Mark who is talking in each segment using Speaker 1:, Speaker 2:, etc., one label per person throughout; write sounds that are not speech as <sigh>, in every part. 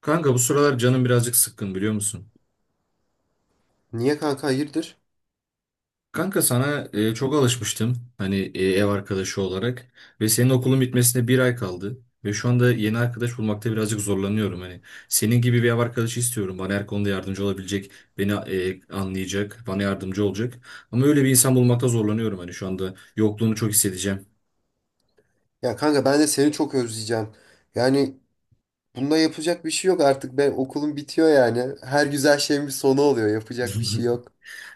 Speaker 1: Kanka bu sıralar canım birazcık sıkkın biliyor musun?
Speaker 2: Niye kanka hayırdır?
Speaker 1: Kanka sana çok alışmıştım hani ev arkadaşı olarak ve senin okulun bitmesine bir ay kaldı ve şu anda yeni arkadaş bulmakta birazcık zorlanıyorum hani senin gibi bir ev arkadaşı istiyorum bana her konuda yardımcı olabilecek beni anlayacak bana yardımcı olacak ama öyle bir insan bulmakta zorlanıyorum hani şu anda yokluğunu çok hissedeceğim.
Speaker 2: Ya kanka ben de seni çok özleyeceğim. Yani bunda yapacak bir şey yok artık. Ben okulum bitiyor yani. Her güzel şeyin bir sonu oluyor. Yapacak bir şey
Speaker 1: <laughs>
Speaker 2: yok.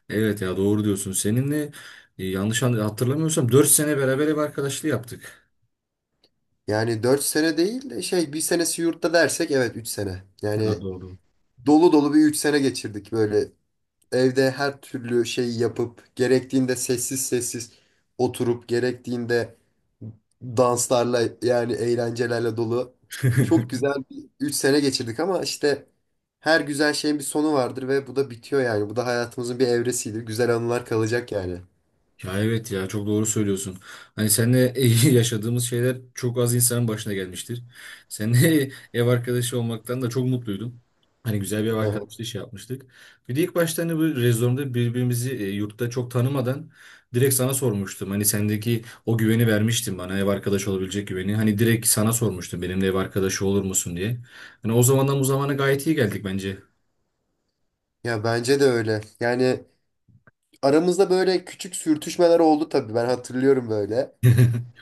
Speaker 1: Evet ya doğru diyorsun seninle yanlış hatırlamıyorsam 4 sene beraber ev arkadaşlığı yaptık.
Speaker 2: Yani 4 sene değil de bir senesi yurtta dersek evet 3 sene.
Speaker 1: Ha,
Speaker 2: Yani
Speaker 1: doğru.
Speaker 2: dolu dolu bir 3 sene geçirdik böyle. Evde her türlü şey yapıp gerektiğinde sessiz sessiz oturup gerektiğinde danslarla yani eğlencelerle dolu çok
Speaker 1: <laughs>
Speaker 2: güzel bir 3 sene geçirdik ama işte her güzel şeyin bir sonu vardır ve bu da bitiyor yani. Bu da hayatımızın bir evresiydi. Güzel anılar kalacak yani.
Speaker 1: Ya evet ya çok doğru söylüyorsun. Hani seninle <laughs> yaşadığımız şeyler çok az insanın başına gelmiştir. Seninle <laughs> ev arkadaşı olmaktan da çok mutluydum. Hani güzel bir ev
Speaker 2: Aha.
Speaker 1: arkadaşlığı şey yapmıştık. Bir de ilk başta hani bu rezonda birbirimizi yurtta çok tanımadan direkt sana sormuştum. Hani sendeki o güveni vermiştin bana ev arkadaşı olabilecek güveni. Hani direkt sana sormuştum benimle ev arkadaşı olur musun diye. Hani o zamandan bu zamana gayet iyi geldik bence.
Speaker 2: Ya bence de öyle. Yani aramızda böyle küçük sürtüşmeler oldu tabii. Ben hatırlıyorum böyle.
Speaker 1: <laughs>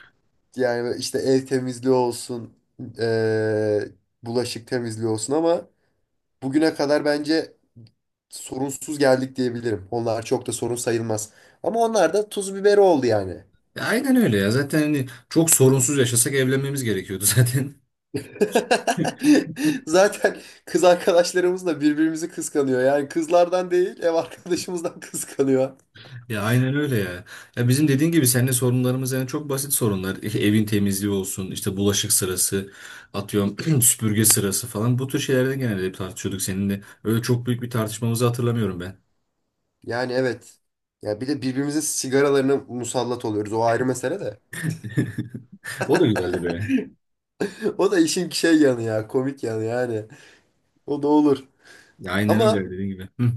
Speaker 2: Yani işte ev temizliği olsun, eee, bulaşık temizliği olsun ama bugüne kadar bence sorunsuz geldik diyebilirim. Onlar çok da sorun sayılmaz. Ama onlar da tuz biberi oldu yani.
Speaker 1: Aynen öyle ya. Zaten hani çok sorunsuz yaşasak evlenmemiz gerekiyordu zaten. <laughs>
Speaker 2: <laughs> Zaten kız arkadaşlarımız da birbirimizi kıskanıyor. Yani kızlardan değil, ev arkadaşımızdan <laughs> kıskanıyor.
Speaker 1: Ya aynen öyle ya. Ya bizim dediğin gibi seninle sorunlarımız yani çok basit sorunlar. Evin temizliği olsun, işte bulaşık sırası, atıyorum <clears throat> süpürge sırası falan. Bu tür şeylerde genelde hep tartışıyorduk seninle. Öyle çok büyük bir tartışmamızı hatırlamıyorum ben.
Speaker 2: Yani evet. Ya bir de birbirimizin sigaralarına musallat oluyoruz. O ayrı mesele de.
Speaker 1: <laughs> O da güzeldi be.
Speaker 2: <laughs> O da işin şey yanı ya, komik yanı yani. O da olur.
Speaker 1: Ya aynen öyle
Speaker 2: Ama
Speaker 1: dediğin gibi. Hı.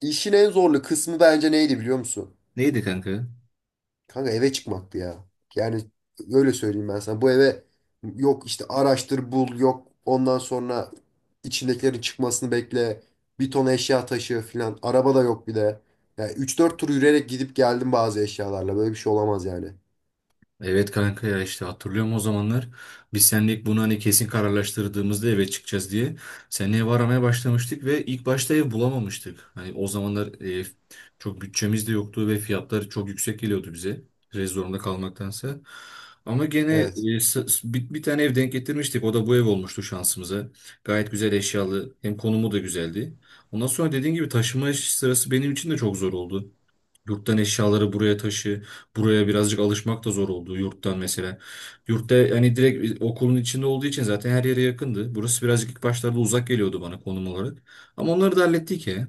Speaker 2: işin en zorlu kısmı bence neydi biliyor musun?
Speaker 1: Neydi kanka?
Speaker 2: Kanka eve çıkmaktı ya. Yani öyle söyleyeyim ben sana. Bu eve yok işte araştır bul yok ondan sonra içindekilerin çıkmasını bekle. Bir ton eşya taşı filan. Araba da yok bir de. Yani üç dört tur yürüyerek gidip geldim bazı eşyalarla. Böyle bir şey olamaz yani.
Speaker 1: Evet kanka ya işte hatırlıyorum o zamanlar biz seninle ilk bunu hani kesin kararlaştırdığımızda eve çıkacağız diye seninle ev aramaya başlamıştık ve ilk başta ev bulamamıştık. Hani o zamanlar çok bütçemiz de yoktu ve fiyatlar çok yüksek geliyordu bize Rez zorunda kalmaktansa. Ama gene
Speaker 2: Evet.
Speaker 1: bir tane ev denk getirmiştik o da bu ev olmuştu şansımıza. Gayet güzel eşyalı hem konumu da güzeldi. Ondan sonra dediğin gibi taşıma sırası benim için de çok zor oldu. Yurttan eşyaları buraya taşı. Buraya birazcık alışmak da zor oldu yurttan mesela. Yurtta hani direkt okulun içinde olduğu için zaten her yere yakındı. Burası birazcık ilk başlarda uzak geliyordu bana konum olarak. Ama onları da hallettik ya.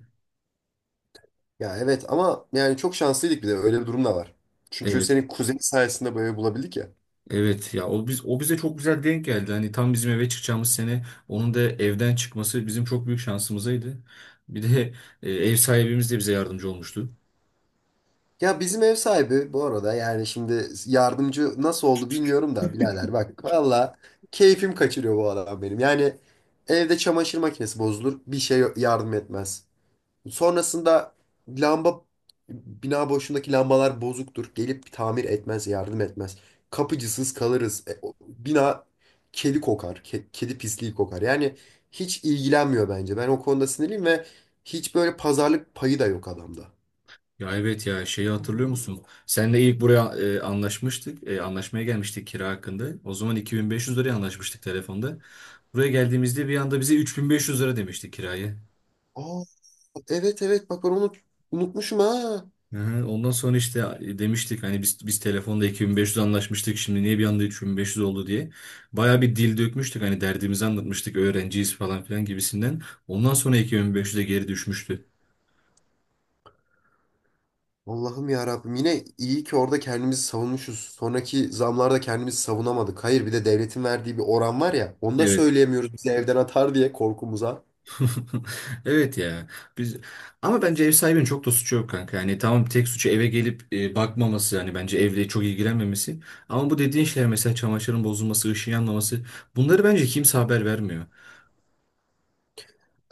Speaker 2: Ya evet ama yani çok şanslıydık bir de öyle bir durum da var. Çünkü
Speaker 1: Evet,
Speaker 2: senin kuzenin sayesinde böyle bulabildik ya.
Speaker 1: evet ya o biz o bize çok güzel denk geldi. Hani tam bizim eve çıkacağımız sene onun da evden çıkması bizim çok büyük şansımızaydı. Bir de ev sahibimiz de bize yardımcı olmuştu.
Speaker 2: Ya bizim ev sahibi bu arada yani şimdi yardımcı nasıl oldu bilmiyorum da birader bak valla keyfim kaçırıyor bu adam benim. Yani evde çamaşır makinesi bozulur bir şey yardım etmez. Sonrasında lamba bina boşundaki lambalar bozuktur gelip tamir etmez yardım etmez. Kapıcısız kalırız. Bina kedi kokar, kedi pisliği kokar yani hiç ilgilenmiyor. Bence ben o konuda sinirliyim ve hiç böyle pazarlık payı da yok adamda.
Speaker 1: Ya evet ya şeyi hatırlıyor musun? Seninle ilk buraya anlaşmıştık. Anlaşmaya gelmiştik kira hakkında. O zaman 2500 liraya anlaşmıştık telefonda. Buraya geldiğimizde bir anda bize 3500 lira demişti kirayı.
Speaker 2: Aa, evet evet bak ben onu unutmuşum ha.
Speaker 1: Aha, ondan sonra işte demiştik hani biz telefonda 2500 anlaşmıştık şimdi niye bir anda 3500 oldu diye. Baya bir dil dökmüştük hani derdimizi anlatmıştık öğrenciyiz falan filan gibisinden. Ondan sonra 2500'e geri düşmüştü.
Speaker 2: Allah'ım ya Rabbim, yine iyi ki orada kendimizi savunmuşuz. Sonraki zamlarda kendimizi savunamadık. Hayır, bir de devletin verdiği bir oran var ya. Onu da
Speaker 1: Evet.
Speaker 2: söyleyemiyoruz, bizi evden atar diye korkumuza.
Speaker 1: <laughs> Evet ya. Biz ama bence ev sahibinin çok da suçu yok kanka. Yani tamam tek suçu eve gelip bakmaması yani bence evle çok ilgilenmemesi. Ama bu dediğin şeyler mesela çamaşırın bozulması, ışığın yanmaması bunları bence kimse haber vermiyor.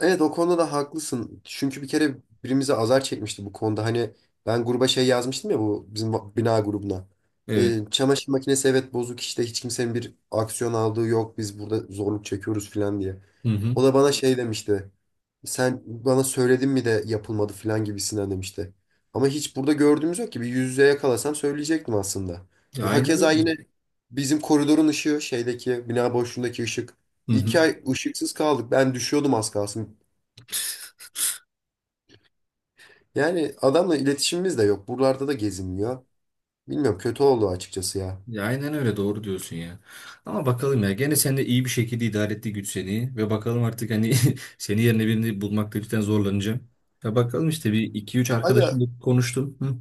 Speaker 2: Evet, o konuda da haklısın. Çünkü bir kere birimize azar çekmişti bu konuda. Hani ben gruba şey yazmıştım ya, bu bizim bina grubuna.
Speaker 1: Evet.
Speaker 2: Çamaşır makinesi evet bozuk işte, hiç kimsenin bir aksiyon aldığı yok. Biz burada zorluk çekiyoruz falan diye.
Speaker 1: Hı hı.
Speaker 2: O da bana şey demişti. Sen bana söyledin mi de yapılmadı falan gibisinden demişti. Ama hiç burada gördüğümüz yok ki. Bir yüz yüze yakalasam söyleyecektim aslında.
Speaker 1: Ya
Speaker 2: Ya
Speaker 1: aynen
Speaker 2: hakeza
Speaker 1: öyle.
Speaker 2: yine bizim koridorun ışığı, şeydeki bina boşluğundaki ışık.
Speaker 1: Hı hı.
Speaker 2: 2 ay ışıksız kaldık. Ben düşüyordum az kalsın. Yani adamla iletişimimiz de yok. Buralarda da gezinmiyor. Bilmiyorum, kötü oldu açıkçası ya.
Speaker 1: Ya aynen öyle doğru diyorsun ya. Ama bakalım ya gene sen de iyi bir şekilde idare etti güç seni ve bakalım artık hani <laughs> seni yerine birini bulmakta cidden zorlanacağım. Ya bakalım işte bir iki üç
Speaker 2: Aga,
Speaker 1: arkadaşımla konuştum. Hı.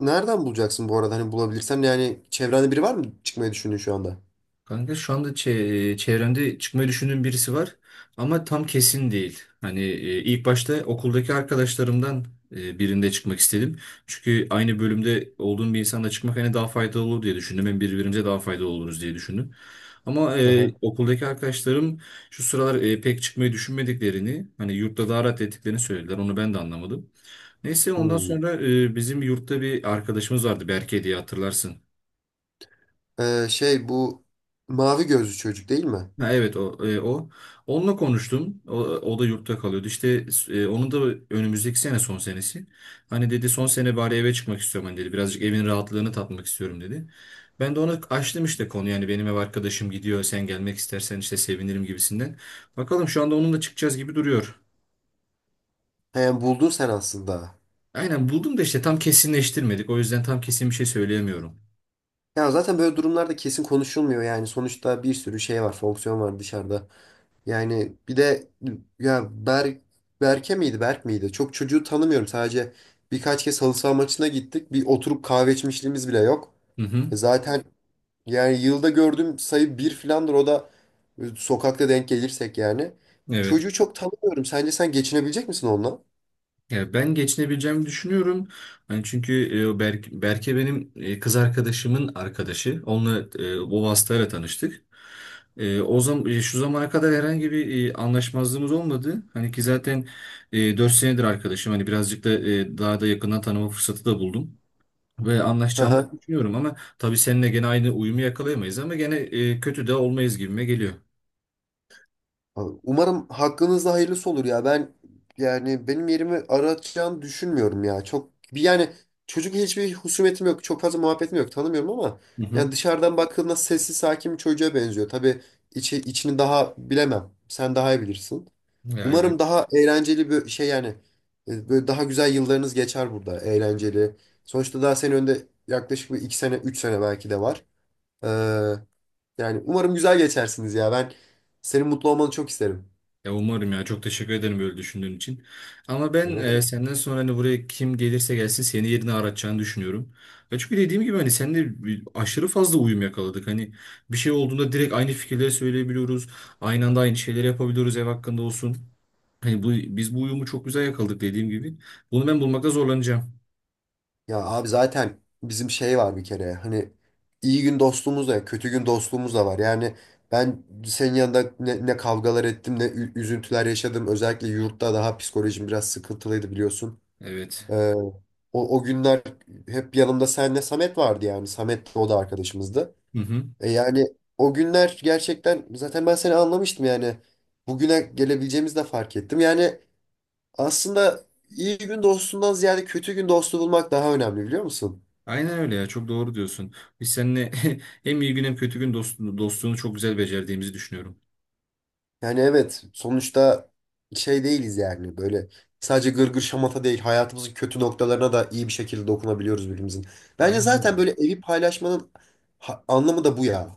Speaker 2: nereden bulacaksın bu arada? Hani bulabilirsen yani çevrende biri var mı çıkmayı düşündüğün şu anda?
Speaker 1: Kanka şu anda çevremde çıkmayı düşündüğüm birisi var ama tam kesin değil. Hani ilk başta okuldaki arkadaşlarımdan birinde çıkmak istedim. Çünkü aynı bölümde olduğum bir insanla çıkmak hani daha faydalı olur diye düşündüm. Hem birbirimize daha faydalı oluruz diye düşündüm. Ama
Speaker 2: Aha.
Speaker 1: okuldaki arkadaşlarım şu sıralar pek çıkmayı düşünmediklerini, hani yurtta daha rahat ettiklerini söylediler. Onu ben de anlamadım. Neyse ondan
Speaker 2: Hmm.
Speaker 1: sonra bizim yurtta bir arkadaşımız vardı Berke diye hatırlarsın.
Speaker 2: Şey, bu mavi gözlü çocuk değil mi?
Speaker 1: Ha, evet o onunla konuştum. O da yurtta kalıyordu. İşte onun da önümüzdeki sene son senesi. Hani dedi son sene bari eve çıkmak istiyorum hani dedi. Birazcık evin rahatlığını tatmak istiyorum dedi. Ben de ona açtım işte konu yani benim ev arkadaşım gidiyor sen gelmek istersen işte sevinirim gibisinden. Bakalım şu anda onunla çıkacağız gibi duruyor.
Speaker 2: He, yani buldun sen aslında.
Speaker 1: Aynen buldum da işte tam kesinleştirmedik. O yüzden tam kesin bir şey söyleyemiyorum.
Speaker 2: Ya zaten böyle durumlarda kesin konuşulmuyor yani. Sonuçta bir sürü şey var, fonksiyon var dışarıda. Yani bir de ya Berk, Berke miydi Berk miydi? Çok çocuğu tanımıyorum. Sadece birkaç kez halı saha maçına gittik. Bir oturup kahve içmişliğimiz bile yok.
Speaker 1: Hı
Speaker 2: E
Speaker 1: hı.
Speaker 2: zaten yani yılda gördüğüm sayı bir filandır. O da sokakta denk gelirsek yani.
Speaker 1: Evet.
Speaker 2: Çocuğu çok tanımıyorum. Sence sen geçinebilecek misin onunla?
Speaker 1: Ya ben geçinebileceğimi düşünüyorum. Hani çünkü Berke benim kız arkadaşımın arkadaşı. Onunla o vasıtayla tanıştık. O zaman şu zamana kadar herhangi bir anlaşmazlığımız olmadı. Hani ki zaten 4 senedir arkadaşım. Hani birazcık da daha da yakından tanıma fırsatı da buldum. Ve anlaşacağımı
Speaker 2: <laughs>
Speaker 1: düşünüyorum ama tabii seninle gene aynı uyumu yakalayamayız ama gene kötü de olmayız gibime geliyor.
Speaker 2: Abi, umarım hakkınızda hayırlısı olur ya. Ben yani benim yerimi aratacağını düşünmüyorum ya. Çok bir yani, çocuk, hiçbir husumetim yok. Çok fazla muhabbetim yok. Tanımıyorum ama
Speaker 1: Hı hı.
Speaker 2: yani dışarıdan baktığında sessiz sakin bir çocuğa benziyor. Tabii içini daha bilemem. Sen daha iyi bilirsin.
Speaker 1: Yani.
Speaker 2: Umarım daha eğlenceli bir şey yani, böyle daha güzel yıllarınız geçer burada, eğlenceli. Sonuçta daha senin önünde yaklaşık bir iki sene, üç sene belki de var. Ee, yani umarım güzel geçersiniz ya. Ben senin mutlu olmanı çok isterim.
Speaker 1: Ya umarım ya çok teşekkür ederim böyle düşündüğün için. Ama ben
Speaker 2: Öyle değil mi?
Speaker 1: senden sonra hani buraya kim gelirse gelsin seni yerine aratacağını düşünüyorum. Ya çünkü dediğim gibi hani seninle aşırı fazla uyum yakaladık. Hani bir şey olduğunda direkt aynı fikirleri söyleyebiliyoruz. Aynı anda aynı şeyleri yapabiliyoruz ev hakkında olsun. Hani biz bu uyumu çok güzel yakaladık dediğim gibi. Bunu ben bulmakta zorlanacağım.
Speaker 2: Ya abi zaten bizim şey var bir kere, hani iyi gün dostluğumuz da kötü gün dostluğumuz da var. Yani ben senin yanında ne, ne kavgalar ettim, ne üzüntüler yaşadım. Özellikle yurtta daha psikolojim biraz sıkıntılıydı biliyorsun.
Speaker 1: Evet.
Speaker 2: Ee, o günler hep yanımda senle Samet vardı yani. Samet de, o da arkadaşımızdı.
Speaker 1: Hı hı.
Speaker 2: E yani o günler gerçekten zaten ben seni anlamıştım yani. Bugüne gelebileceğimizi de fark ettim. Yani aslında iyi gün dostundan ziyade kötü gün dostu bulmak daha önemli, biliyor musun?
Speaker 1: Aynen öyle ya çok doğru diyorsun. Biz seninle <laughs> hem iyi gün hem kötü gün dostluğunu çok güzel becerdiğimizi düşünüyorum.
Speaker 2: Yani evet, sonuçta şey değiliz yani, böyle sadece gırgır şamata değil, hayatımızın kötü noktalarına da iyi bir şekilde dokunabiliyoruz birbirimizin. Bence zaten
Speaker 1: Aynen.
Speaker 2: böyle evi paylaşmanın anlamı da bu ya.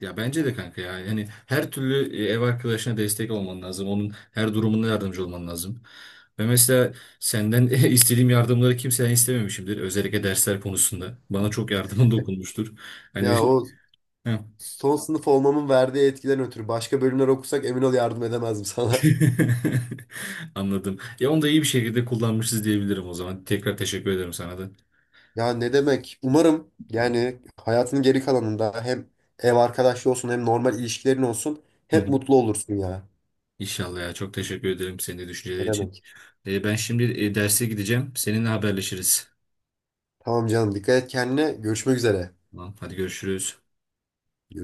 Speaker 1: Ya bence de kanka ya. Yani her türlü ev arkadaşına destek olman lazım. Onun her durumunda yardımcı olman lazım. Ve mesela senden <laughs> istediğim yardımları kimseden istememişimdir. Özellikle dersler konusunda. Bana çok yardımın dokunmuştur. Hani
Speaker 2: Ya o,
Speaker 1: <laughs> Heh.
Speaker 2: son sınıf olmamın verdiği etkiden ötürü başka bölümler okusak emin ol yardım edemezdim sana. <laughs>
Speaker 1: <laughs> Anladım. Ya onu da iyi bir şekilde kullanmışız diyebilirim o zaman. Tekrar teşekkür ederim sana da.
Speaker 2: Ya ne demek? Umarım yani hayatının geri kalanında hem ev arkadaşlığı olsun hem normal ilişkilerin olsun
Speaker 1: Hı
Speaker 2: hep
Speaker 1: hı.
Speaker 2: mutlu olursun ya.
Speaker 1: İnşallah ya. Çok teşekkür ederim senin de
Speaker 2: Ne
Speaker 1: düşünceleri için.
Speaker 2: demek?
Speaker 1: Ben şimdi derse gideceğim. Seninle haberleşiriz.
Speaker 2: Tamam canım. Dikkat et kendine. Görüşmek üzere.
Speaker 1: Tamam, hadi görüşürüz.